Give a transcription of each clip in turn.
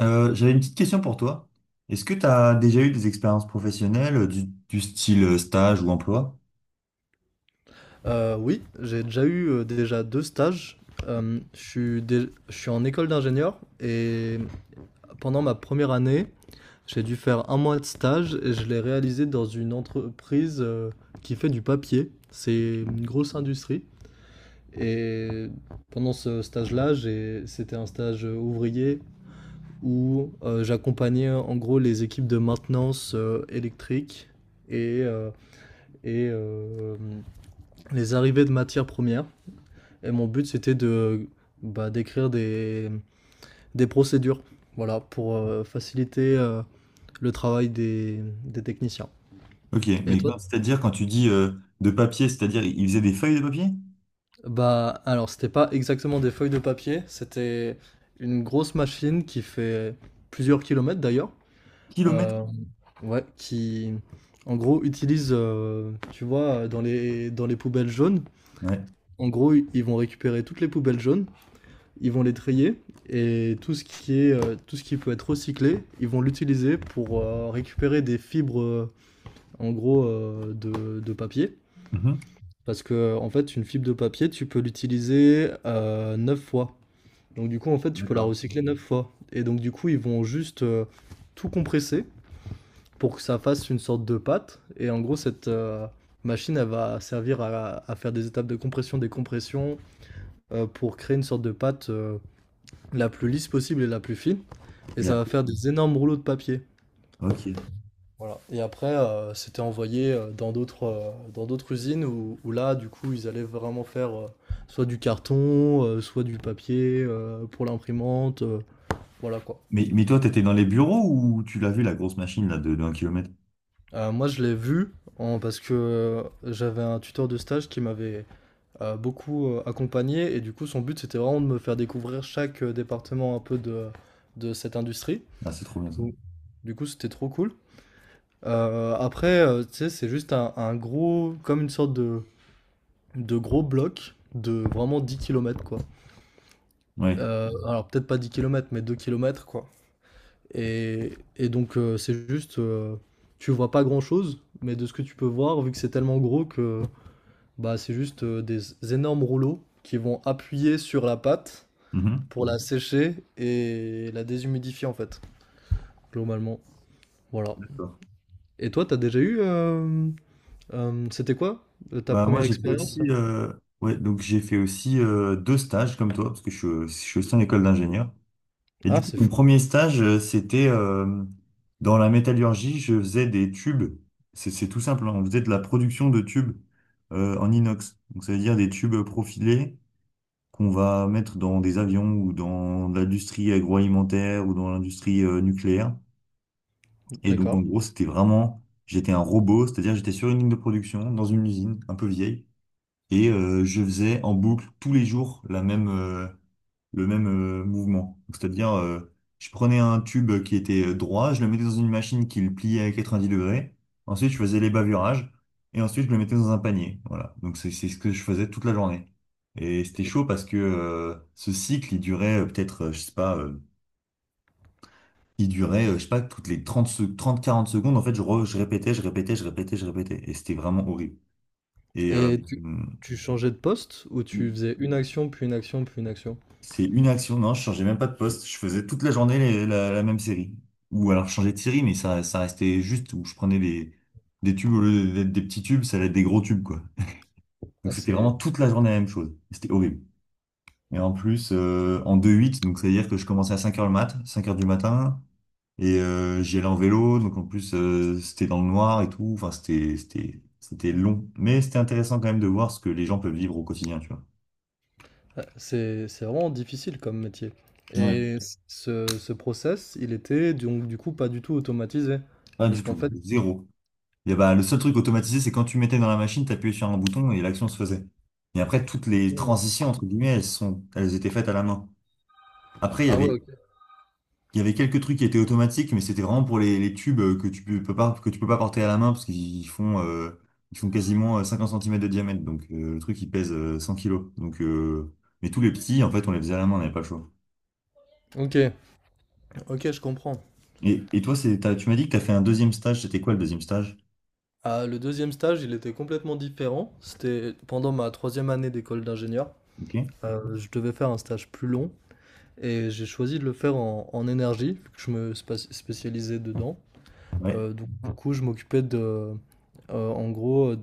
J'avais une petite question pour toi. Est-ce que tu as déjà eu des expériences professionnelles du style stage ou emploi? Oui, j'ai déjà eu déjà deux stages. Je suis, je suis en école d'ingénieur et pendant ma première année, j'ai dû faire un mois de stage et je l'ai réalisé dans une entreprise qui fait du papier. C'est une Ok. grosse industrie. Et pendant ce stage-là, c'était un stage ouvrier où j'accompagnais en gros les équipes de maintenance électrique et, euh, et les arrivées de matières premières. Et mon but, c'était de bah, d'écrire des procédures, voilà, pour faciliter le travail des techniciens. Ok, Et mais toi? C'est-à-dire quand tu dis de papier, c'est-à-dire ils faisaient des feuilles de papier? Bah, alors, c'était pas exactement des feuilles de papier, c'était une grosse machine qui fait plusieurs kilomètres d'ailleurs, Kilomètres? euh, ouais, qui en gros utilise, tu vois, dans les poubelles jaunes, Ouais. en gros, ils vont récupérer toutes les poubelles jaunes, ils vont les trier et tout ce qui est tout ce qui peut être recyclé, ils vont l'utiliser pour récupérer des fibres en gros de papier, Mhm. parce que en fait une fibre de papier tu peux l'utiliser 9 fois. Donc du coup en fait tu peux la D'accord. recycler 9 fois et donc du coup ils vont juste tout compresser pour que ça fasse une sorte de pâte et en gros cette machine elle va servir à faire des étapes de compression, des compressions pour créer une sorte de pâte la plus lisse possible et la plus fine. Et Mais ça va après, faire des énormes rouleaux de papier. ok. Voilà. Et après, c'était envoyé euh, dans d'autres dans d'autres usines où, où là, du coup, ils allaient vraiment faire soit du carton, soit du papier pour l'imprimante. Voilà quoi. Mais toi, tu étais dans les bureaux ou tu l'as vu la grosse machine là de 1 km? Moi, je l'ai vu parce que j'avais un tuteur de stage qui m'avait beaucoup accompagné. Et du coup, son but, c'était vraiment de me faire découvrir chaque département un peu de cette industrie. Ah, c'est trop bien ça. Donc, Du coup, c'était trop cool. Après, tu sais, un gros, comme une sorte de gros bloc de vraiment 10 kilomètres quoi. Ouais. Alors, peut-être pas 10 kilomètres, mais 2 kilomètres quoi. Et donc, c'est juste, tu vois pas grand-chose, mais de ce que tu peux voir, vu que c'est tellement gros que bah, c'est juste des énormes rouleaux qui vont appuyer sur la pâte Mhm. pour la sécher et la déshumidifier, en fait, globalement. Voilà. D'accord. Et toi, t'as déjà eu, c'était quoi ta Bah, moi, première j'ai fait expérience? aussi, ouais, donc j'ai fait aussi deux stages comme toi, parce que je suis aussi en école d'ingénieur. Et Ah, du coup, c'est mon fou, premier stage, c'était dans la métallurgie, je faisais des tubes. C'est tout simple, hein. On faisait de la production de tubes en inox. Donc, ça veut dire des tubes profilés qu'on va mettre dans des avions ou dans l'industrie agroalimentaire ou dans l'industrie nucléaire. Et donc, en d'accord. gros, c'était vraiment, j'étais un robot, c'est-à-dire j'étais sur une ligne de production, dans une usine un peu vieille, et je faisais en boucle tous les jours le même mouvement. Donc, c'est-à-dire, je prenais un tube qui était droit, je le mettais dans une machine qui le pliait à 90°, ensuite je faisais les bavurages, et ensuite je le mettais dans un panier. Voilà, donc c'est ce que je faisais toute la journée. Et c'était chaud parce que ce cycle, il durait peut-être, je sais pas, toutes les 30, trente quarante secondes, en fait, je répétais, je répétais, je répétais, je répétais. Et c'était vraiment horrible. Et Et tu changeais de poste ou tu faisais une action, puis une action, puis une action? c'est une action, non, je changeais même pas de poste, je faisais toute la journée la même série. Ou alors je changeais de série, mais ça restait juste où je prenais des tubes au lieu d'être des petits tubes, ça allait être des gros tubes, quoi. Donc Ah, c'était vraiment c'est toute la journée la même chose. C'était horrible. Et en plus, en deux huit, donc c'est-à-dire que je commençais à 5 heures du matin. Et j'y allais en vélo, donc en plus c'était dans le noir et tout. Enfin, c'était long, mais c'était intéressant quand même de voir ce que les gens peuvent vivre au quotidien, tu vois. c'est vraiment difficile comme métier. Ouais. Et ce process, il était donc du coup pas du tout automatisé. Pas Parce du qu'en tout, fait... zéro. Et y bah, le seul truc automatisé, c'est quand tu mettais dans la machine, t'appuyais sur un bouton et l'action se faisait. Et après, toutes les Hmm. transitions entre guillemets, elles étaient faites à la main. Après, il y Ah ouais, avait... ok. Il y avait quelques trucs qui étaient automatiques, mais c'était vraiment pour les tubes que tu peux pas porter à la main parce qu'ils font quasiment 50 centimètres de diamètre. Donc le truc, il pèse 100 kilos. Donc, mais tous les petits, en fait, on les faisait à la main, on n'avait pas le choix. Ok, ok, je comprends. Et toi, tu m'as dit que tu as fait un deuxième stage. C'était quoi le deuxième stage? Ah, le deuxième stage, il était complètement différent. C'était pendant ma troisième année d'école d'ingénieur. Ok. Je devais faire un stage plus long et j'ai choisi de le faire en énergie, vu que je me spécialisais dedans. Ouais. Donc du coup, je m'occupais de, en gros,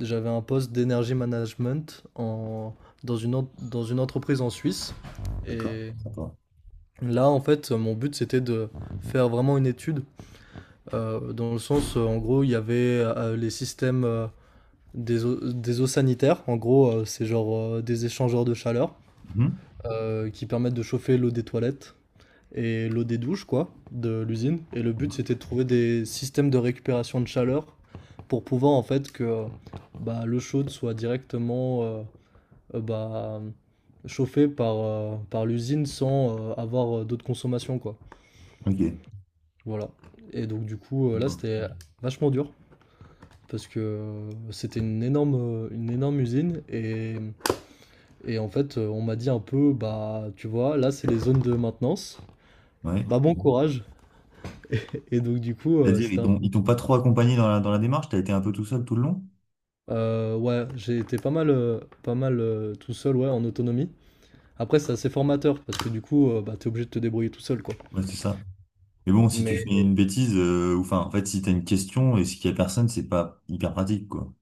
j'avais un poste d'énergie management en dans une entreprise en Suisse D'accord. et Sympa. là, en fait, mon but, c'était de faire vraiment une étude, dans le sens, en gros, il y avait, les systèmes, des eaux sanitaires. En gros, c'est genre, des échangeurs de chaleur, Mhm. Qui permettent de chauffer l'eau des toilettes et l'eau des douches, quoi, de l'usine. Et le but, Mhm. c'était de trouver des systèmes de récupération de chaleur pour pouvoir, en fait, que bah, l'eau chaude soit directement bah, chauffée par l'usine sans avoir d'autres consommations, quoi. Ok. Voilà. Et donc, là, Sympa. c'était vachement dur. Parce que c'était une énorme usine et en fait on m'a dit un peu bah tu vois là c'est les zones de maintenance, Ouais. bah bon courage, et donc du coup, C'est-à-dire, c'était un peu... ils t'ont pas trop accompagné dans la démarche? T'as été un peu tout seul tout le long? Ouais, j'ai été pas mal, pas mal tout seul, ouais, en autonomie. Après, c'est assez formateur parce que du coup, bah, t'es obligé de te débrouiller tout seul, quoi. Ouais, c'est ça. Mais bon, si tu Mais fais une bêtise, ou enfin, en fait, si t'as une question et qu'il y a personne, c'est pas hyper pratique, quoi.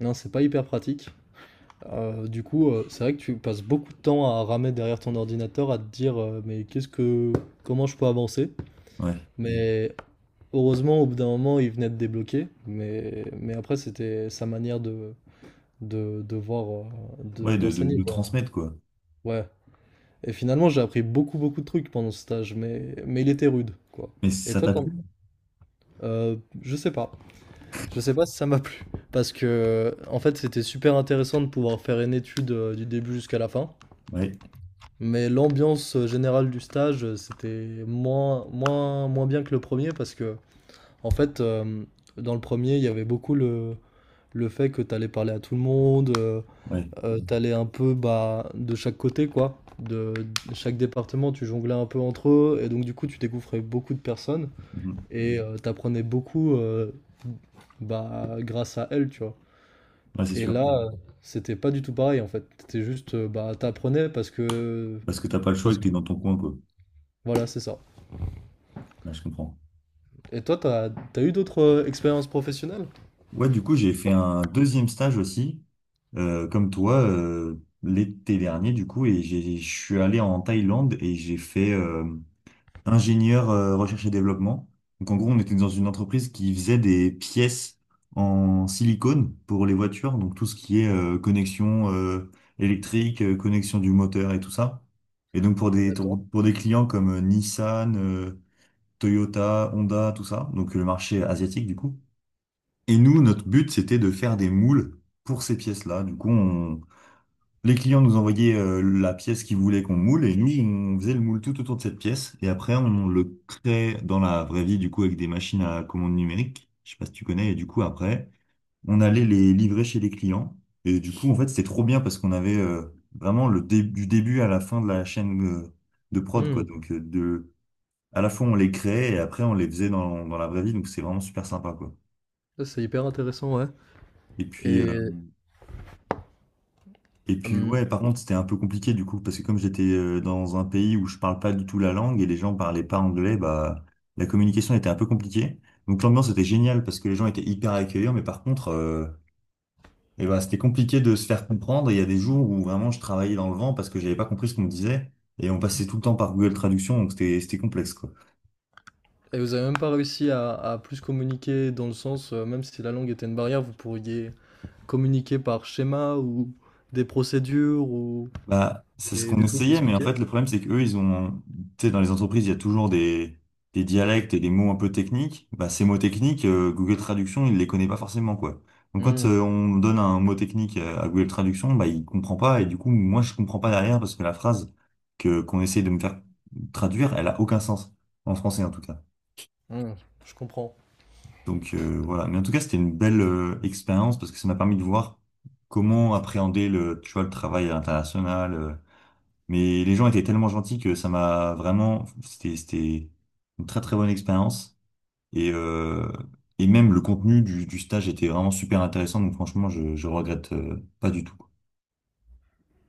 non, c'est pas hyper pratique. Du coup, c'est vrai que tu passes beaucoup de temps à ramer derrière ton ordinateur, à te dire, mais qu'est-ce que, comment je peux avancer? Ouais. Mais heureusement, au bout d'un moment, il venait de débloquer. Mais après, c'était sa manière de voir, Ouais, d'enseigner, de quoi. transmettre, quoi. Ouais. Et finalement, j'ai appris beaucoup, beaucoup de trucs pendant ce stage, mais il était rude, quoi. Mais Et ça toi, t'a plu? Je sais pas. Je sais pas si ça m'a plu. Parce que, en fait, c'était super intéressant de pouvoir faire une étude du début jusqu'à la fin. Ouais, Mais l'ambiance générale du stage, c'était moins, moins, moins bien que le premier. Parce que, en fait, dans le premier, il y avait beaucoup le fait que t'allais parler à tout le monde. Ouais. T'allais un peu bah, de chaque côté, quoi. De chaque département, tu jonglais un peu entre eux, et donc du coup, tu découvrais beaucoup de personnes, Mhm. et t'apprenais beaucoup bah, grâce à elles, tu vois. Ouais, c'est Et sûr. là, c'était pas du tout pareil, en fait. C'était juste, bah, t'apprenais Parce que t'as pas le choix et parce que que... t'es dans ton coin, quoi. Voilà, c'est ça. Là, je comprends. Et toi, t'as eu d'autres expériences professionnelles? Ouais, du coup, j'ai fait un deuxième stage aussi, comme toi, l'été dernier, du coup, et je suis allé en Thaïlande et j'ai fait ingénieur recherche et développement. Donc en gros, on était dans une entreprise qui faisait des pièces en silicone pour les voitures, donc tout ce qui est connexion électrique, connexion du moteur et tout ça. Et donc pour des D'accord. pour des clients comme Nissan, Toyota, Honda, tout ça, donc le marché asiatique du coup. Et nous, notre but, c'était de faire des moules pour ces pièces-là. Du coup, on les clients nous envoyaient la pièce qu'ils voulaient qu'on moule et nous, on faisait le moule tout autour de cette pièce et après, on le créait dans la vraie vie, du coup, avec des machines à commande numérique. Je sais pas si tu connais. Et du coup, après, on allait les livrer chez les clients. Et du coup, en fait, c'était trop bien parce qu'on avait vraiment du début à la fin de la chaîne de prod, quoi. Hmm. Donc, à la fois, on les créait et après, on les faisait dans, dans la vraie vie. Donc, c'est vraiment super sympa, quoi. Ça, c'est hyper intéressant, ouais. Et puis, euh, Et... Et puis hum. ouais, par contre, c'était un peu compliqué du coup, parce que comme j'étais dans un pays où je parle pas du tout la langue et les gens parlaient pas anglais, bah la communication était un peu compliquée. Donc l'ambiance était géniale parce que les gens étaient hyper accueillants, mais par contre, eh ben, c'était compliqué de se faire comprendre. Et il y a des jours où vraiment je travaillais dans le vent parce que j'avais pas compris ce qu'on me disait et on passait tout le temps par Google Traduction, donc c'était complexe quoi. Et vous avez même pas réussi à plus communiquer dans le sens, même si la langue était une barrière, vous pourriez communiquer par schéma ou des procédures ou Bah, c'est ce qu'on des trucs essayait, mais en expliqués. fait, le problème, c'est qu'eux, tu sais, dans les entreprises, il y a toujours des dialectes et des mots un peu techniques. Bah, ces mots techniques, Google Traduction, il les connaît pas forcément, quoi. Donc, quand Hmm, on donne un mot technique à Google Traduction, bah, il comprend pas, et du coup, moi, je comprends pas derrière, parce que la phrase qu'on essaye de me faire traduire, elle a aucun sens. En français, en tout cas. hmm, je comprends. Donc, voilà. Mais en tout cas, c'était une belle, expérience, parce que ça m'a permis de voir comment appréhender le, tu vois, le travail international, mais les gens étaient tellement gentils que ça m'a vraiment, c'était une très très bonne expérience. Et, euh, et même le contenu du stage était vraiment super intéressant. Donc franchement, je regrette pas du tout.